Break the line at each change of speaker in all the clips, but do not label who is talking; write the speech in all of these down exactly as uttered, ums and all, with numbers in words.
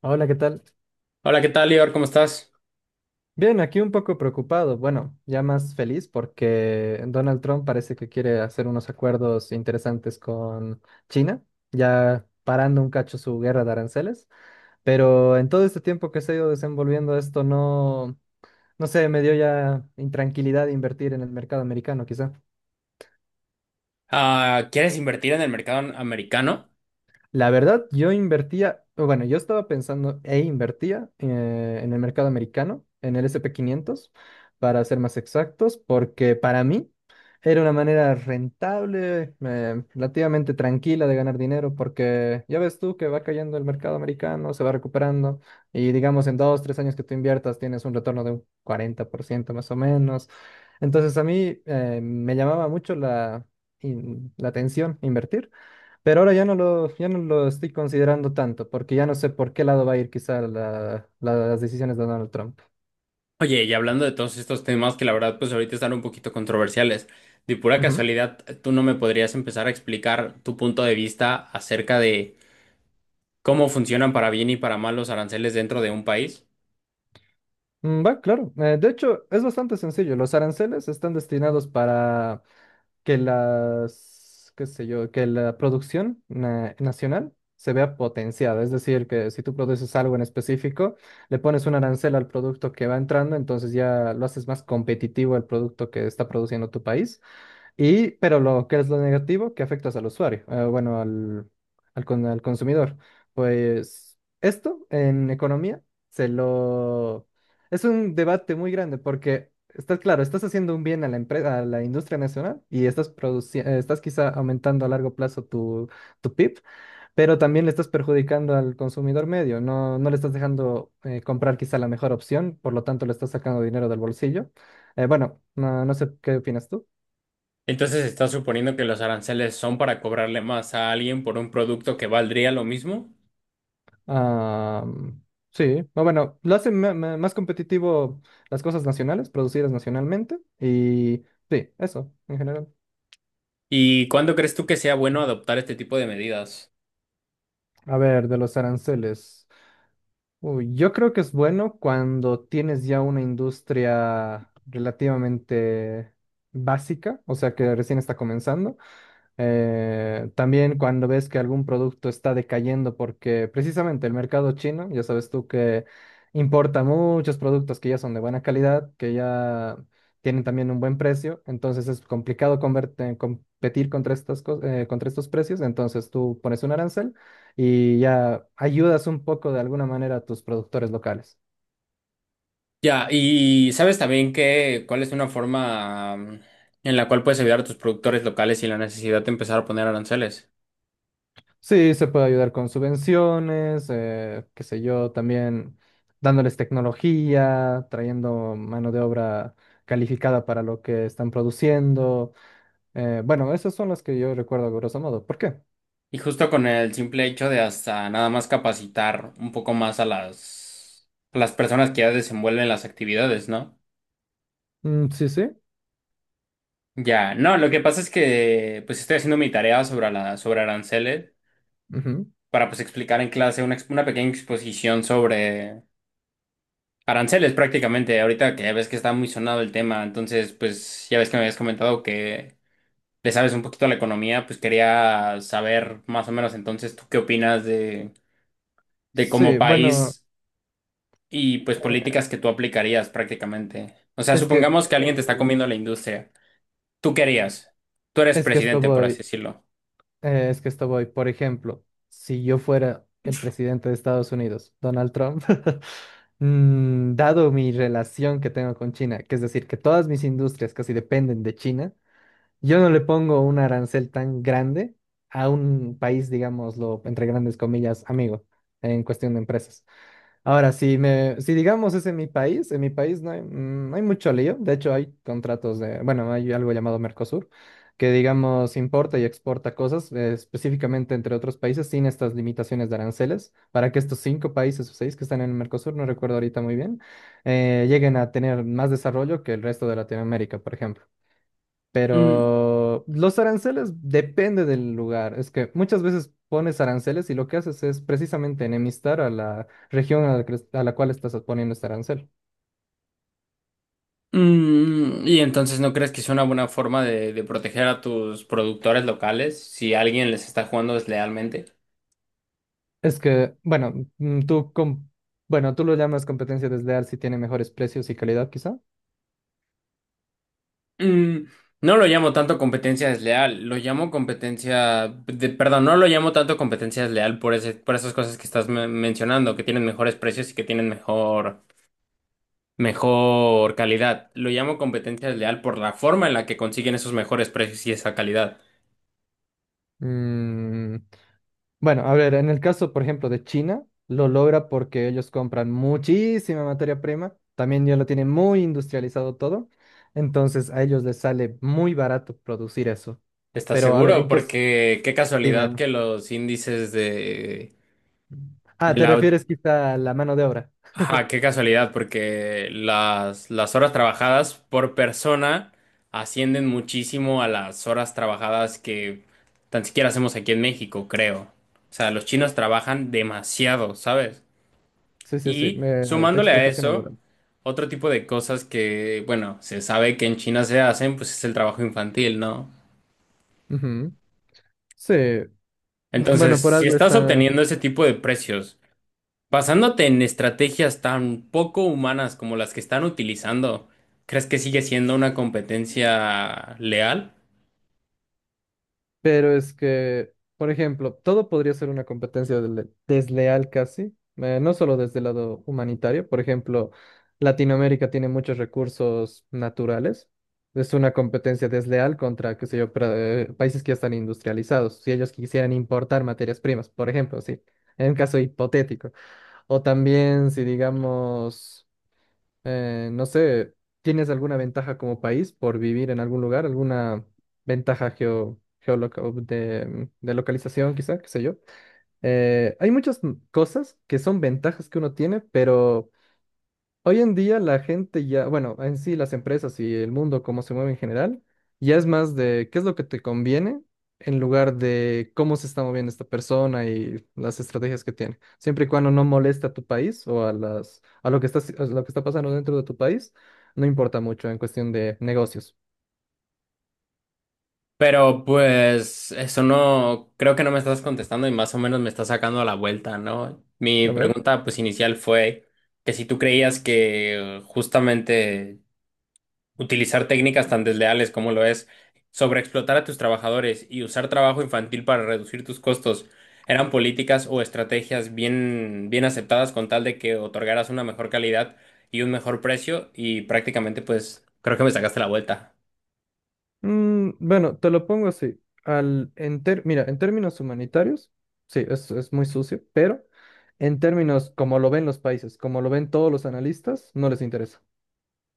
Hola, ¿qué tal?
Hola, ¿qué tal, Lior? ¿Cómo estás?
Bien, aquí un poco preocupado, bueno, ya más feliz porque Donald Trump parece que quiere hacer unos acuerdos interesantes con China, ya parando un cacho su guerra de aranceles, pero en todo este tiempo que se ha ido desenvolviendo esto no, no sé, me dio ya intranquilidad invertir en el mercado americano, quizá.
Ah, ¿quieres invertir en el mercado americano?
La verdad, yo invertía, o bueno, yo estaba pensando e invertía eh, en el mercado americano, en el S and P quinientos, para ser más exactos, porque para mí era una manera rentable, eh, relativamente tranquila de ganar dinero, porque ya ves tú que va cayendo el mercado americano, se va recuperando, y digamos en dos, tres años que tú inviertas tienes un retorno de un cuarenta por ciento más o menos. Entonces a mí eh, me llamaba mucho la, in- la atención invertir. Pero ahora ya no lo, ya no lo estoy considerando tanto, porque ya no sé por qué lado va a ir quizá la- la- las decisiones de Donald Trump.
Oye, y hablando de todos estos temas que la verdad pues ahorita están un poquito controversiales, de pura
Ujú.
casualidad, ¿tú no me podrías empezar a explicar tu punto de vista acerca de cómo funcionan para bien y para mal los aranceles dentro de un país?
Mm, Va, claro. Eh, de hecho, es bastante sencillo. Los aranceles están destinados para que las, qué sé yo, que la producción na- nacional se vea potenciada. Es decir, que si tú produces algo en específico, le pones un arancel al producto que va entrando, entonces ya lo haces más competitivo al producto que está produciendo tu país. Y, pero lo que es lo negativo, que afectas al usuario, eh, bueno, al, al, con- al consumidor. Pues esto en economía se lo... Es un debate muy grande porque, está claro, estás haciendo un bien a la empresa, a la industria nacional y estás produciendo, estás quizá aumentando a largo plazo tu, tu P I B, pero también le estás perjudicando al consumidor medio. No, no le estás dejando eh, comprar quizá la mejor opción, por lo tanto le estás sacando dinero del bolsillo. Eh, bueno, no, no sé qué opinas tú.
Entonces, ¿estás suponiendo que los aranceles son para cobrarle más a alguien por un producto que valdría lo mismo?
Ah, sí, o bueno, lo hace ma- ma- más competitivo las cosas nacionales, producidas nacionalmente, y sí, eso, en general.
¿Y cuándo crees tú que sea bueno adoptar este tipo de medidas?
A ver, de los aranceles. Uy, yo creo que es bueno cuando tienes ya una industria relativamente básica, o sea que recién está comenzando. Eh, también cuando ves que algún producto está decayendo, porque precisamente el mercado chino, ya sabes tú que importa muchos productos que ya son de buena calidad, que ya tienen también un buen precio, entonces es complicado converte- competir contra estas cos- eh, contra estos precios, entonces tú pones un arancel y ya ayudas un poco de alguna manera a tus productores locales.
Ya, y sabes también que cuál es una forma mm, en la cual puedes ayudar a tus productores locales sin la necesidad de empezar a poner aranceles.
Sí, se puede ayudar con subvenciones, eh, qué sé yo, también dándoles tecnología, trayendo mano de obra calificada para lo que están produciendo. Eh, bueno, esas son las que yo recuerdo a grosso modo. ¿Por qué?
Y justo con el simple hecho de hasta nada más capacitar un poco más a las, a las personas que ya desenvuelven las actividades, ¿no?
Mm, sí, sí.
Ya, no, lo que pasa es que pues estoy haciendo mi tarea sobre, la, sobre aranceles
Ujú.
para pues explicar en clase una, ex- una pequeña exposición sobre aranceles prácticamente, ahorita que ya ves que está muy sonado el tema, entonces pues ya ves que me habías comentado que le sabes un poquito a la economía, pues quería saber más o menos entonces tú qué opinas de, de como
Sí, bueno,
país y pues
eh,
políticas que tú aplicarías prácticamente. O sea,
es que,
supongamos que alguien te está
en-
comiendo la industria. ¿Tú qué harías? Tú eres
es que esto
presidente, por así
voy.
decirlo.
Eh, es que esto voy, por ejemplo, si yo fuera el presidente de Estados Unidos, Donald Trump, mm, dado mi relación que tengo con China, que es decir, que todas mis industrias casi dependen de China, yo no le pongo un arancel tan grande a un país, digámoslo, entre grandes comillas, amigo, en cuestión de empresas. Ahora, si me, si digamos es en mi país, en mi país no hay, mm, no hay mucho lío. De hecho, hay contratos de, bueno, hay algo llamado Mercosur, que digamos importa y exporta cosas, eh, específicamente entre otros países, sin estas limitaciones de aranceles, para que estos cinco países o seis que están en el Mercosur, no recuerdo ahorita muy bien, eh, lleguen a tener más desarrollo que el resto de Latinoamérica, por ejemplo.
Mm,
Pero los aranceles depende del lugar. Es que muchas veces pones aranceles y lo que haces es precisamente enemistar a la región a la, que a la cual estás poniendo este arancel.
mm, y entonces, ¿no crees que es una buena forma de, de proteger a tus productores locales si alguien les está jugando deslealmente?
Es que, bueno, mm, tú, com- bueno, tú lo llamas competencia desleal si tiene mejores precios y calidad, quizá.
Mm, no lo llamo tanto competencia desleal, lo llamo competencia, de- perdón, no lo llamo tanto competencia desleal por ese, por esas cosas que estás me- mencionando, que tienen mejores precios y que tienen mejor, mejor calidad. Lo llamo competencia desleal por la forma en la que consiguen esos mejores precios y esa calidad.
Mm, Bueno, a ver, en el caso, por ejemplo, de China, lo logra porque ellos compran muchísima materia prima, también ya lo tienen muy industrializado todo, entonces a ellos les sale muy barato producir eso.
¿Estás
Pero a ver,
seguro?
¿en qué es?
Porque qué casualidad
Dime.
que los índices de,
Ah,
de
¿te
la.
refieres quizá a la mano de obra?
Ajá, qué casualidad, porque las, las horas trabajadas por persona ascienden muchísimo a las horas trabajadas que tan siquiera hacemos aquí en México, creo. O sea, los chinos trabajan demasiado, ¿sabes?
Sí, sí, sí,
Y
me- de
sumándole a
explotación
eso,
laboral.
otro tipo de cosas que, bueno, se sabe que en China se hacen, pues es el trabajo infantil, ¿no?
Ujú. Sí, bueno,
Entonces,
por
si
algo
estás
está.
obteniendo ese tipo de precios, basándote en estrategias tan poco humanas como las que están utilizando, ¿crees que sigue siendo una competencia leal?
Pero es que, por ejemplo, todo podría ser una competencia dele- desleal casi, eh, no solo desde el lado humanitario. Por ejemplo, Latinoamérica tiene muchos recursos naturales. Es una competencia desleal contra, qué sé yo, pra- eh, países que ya están industrializados. Si ellos quisieran importar materias primas, por ejemplo, sí, en un caso hipotético. O también si digamos... Eh, no sé, ¿tienes alguna ventaja como país por vivir en algún lugar? ¿Alguna ventaja geo, geoloca- de, de localización, quizá, qué sé yo? Eh, hay muchas m- cosas que son ventajas que uno tiene, pero hoy en día la gente ya, bueno, en sí las empresas y el mundo como se mueve en general, ya es más de qué es lo que te conviene en lugar de cómo se está moviendo esta persona y las estrategias que tiene. Siempre y cuando no moleste a tu país o a las, a lo que está, haci- a lo que está pasando dentro de tu país, no importa mucho en cuestión de negocios.
Pero pues eso no, creo que no me estás contestando y más o menos me estás sacando a la vuelta, ¿no? Mi
A ver.
pregunta pues inicial fue que si tú creías que justamente utilizar técnicas tan desleales como lo es sobreexplotar a tus trabajadores y usar trabajo infantil para reducir tus costos eran políticas o estrategias bien, bien aceptadas con tal de que otorgaras una mejor calidad y un mejor precio y prácticamente pues creo que me sacaste la vuelta.
Mm, bueno, te lo pongo así. Al, en ter- mira, en términos humanitarios, sí, es, es muy sucio, pero en términos como lo ven los países, como lo ven todos los analistas, no les interesa.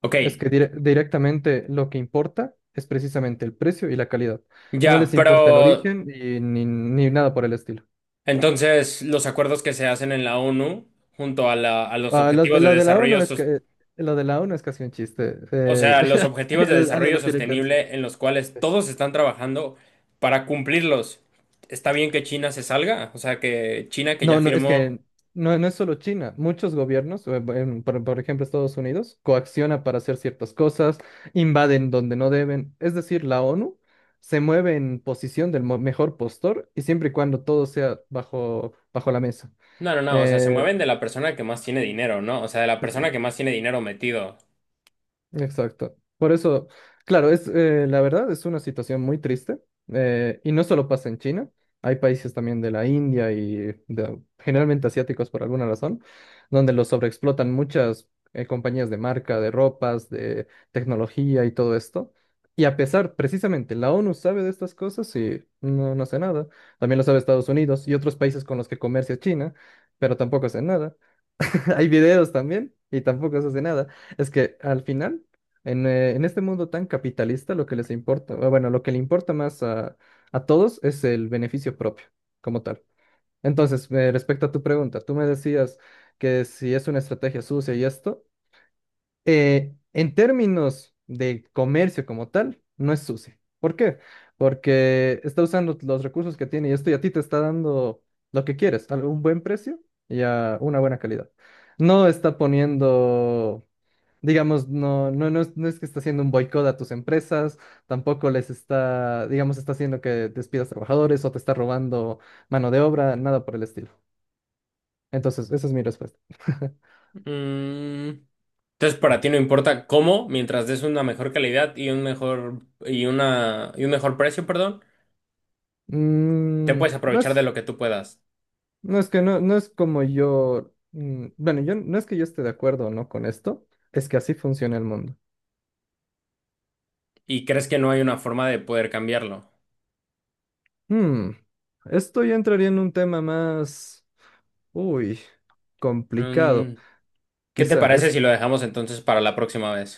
Ok,
Es que dire- directamente lo que importa es precisamente el precio y la calidad. No
ya,
les importa el
pero
origen y ni, ni nada por el estilo.
entonces los acuerdos que se hacen en la ONU junto a, la- a los
Ah, los de,
objetivos de
lo de la
desarrollo
O N U es
sostenible.
que, lo de la O N U es casi un chiste.
O
eh,
sea, los objetivos de
el- alguien
desarrollo
lo tiene que decir.
sostenible en los cuales todos están trabajando para cumplirlos. Está bien que China se salga, o sea, que China que ya
No, no, es
firmó...
que no, no es solo China. Muchos gobiernos, eh, bu- en- por, por ejemplo Estados Unidos, coacciona para hacer ciertas cosas, invaden donde no deben. Es decir, la O N U se mueve en posición del mo- mejor postor y siempre y cuando todo sea bajo, bajo la mesa.
No, no, no, o sea, se
Eh,
mueven de la persona que más tiene dinero, ¿no? O sea, de la
sí, sí.
persona que más tiene dinero metido.
Exacto. Por eso, claro, es eh, la verdad es una situación muy triste eh, y no solo pasa en China, hay países también de la India y de- generalmente asiáticos por alguna razón, donde los sobreexplotan muchas eh, compañías de marca, de ropas, de tecnología y todo esto. Y a pesar, precisamente, la O N U sabe de estas cosas y no, no hace nada. También lo sabe Estados Unidos y otros países con los que comercia China, pero tampoco hace nada. Hay videos también y tampoco se hace nada. Es que al final, en, eh, en este mundo tan capitalista, lo que les importa, o bueno, lo que le importa más a, a todos es el beneficio propio, como tal. Entonces, eh, respecto a tu pregunta, tú me decías que si es una estrategia sucia y esto, eh, en términos de comercio como tal, no es sucio. ¿Por qué? Porque está usando los recursos que tiene y esto y a ti te está dando lo que quieres, a un buen precio y a una buena calidad. No está poniendo, digamos, no, no, no es, no es que está haciendo un boicot a tus empresas, tampoco les está, digamos, está haciendo que despidas trabajadores o te está robando mano de obra, nada por el estilo. Entonces, esa es mi respuesta.
Mm, entonces, para ti no importa cómo, mientras des una mejor calidad y un mejor y una y un mejor precio, perdón, te
Mm,
puedes
no
aprovechar de
es.
lo que tú puedas.
No es que no, no es como yo, mm, bueno, yo no es que yo esté de acuerdo o no con esto, es que así funciona el mundo.
Y crees que no hay una forma de poder cambiarlo.
Hmm, esto ya entraría en un tema más, uy, complicado.
Mm, ¿qué te parece si lo dejamos entonces para la próxima vez?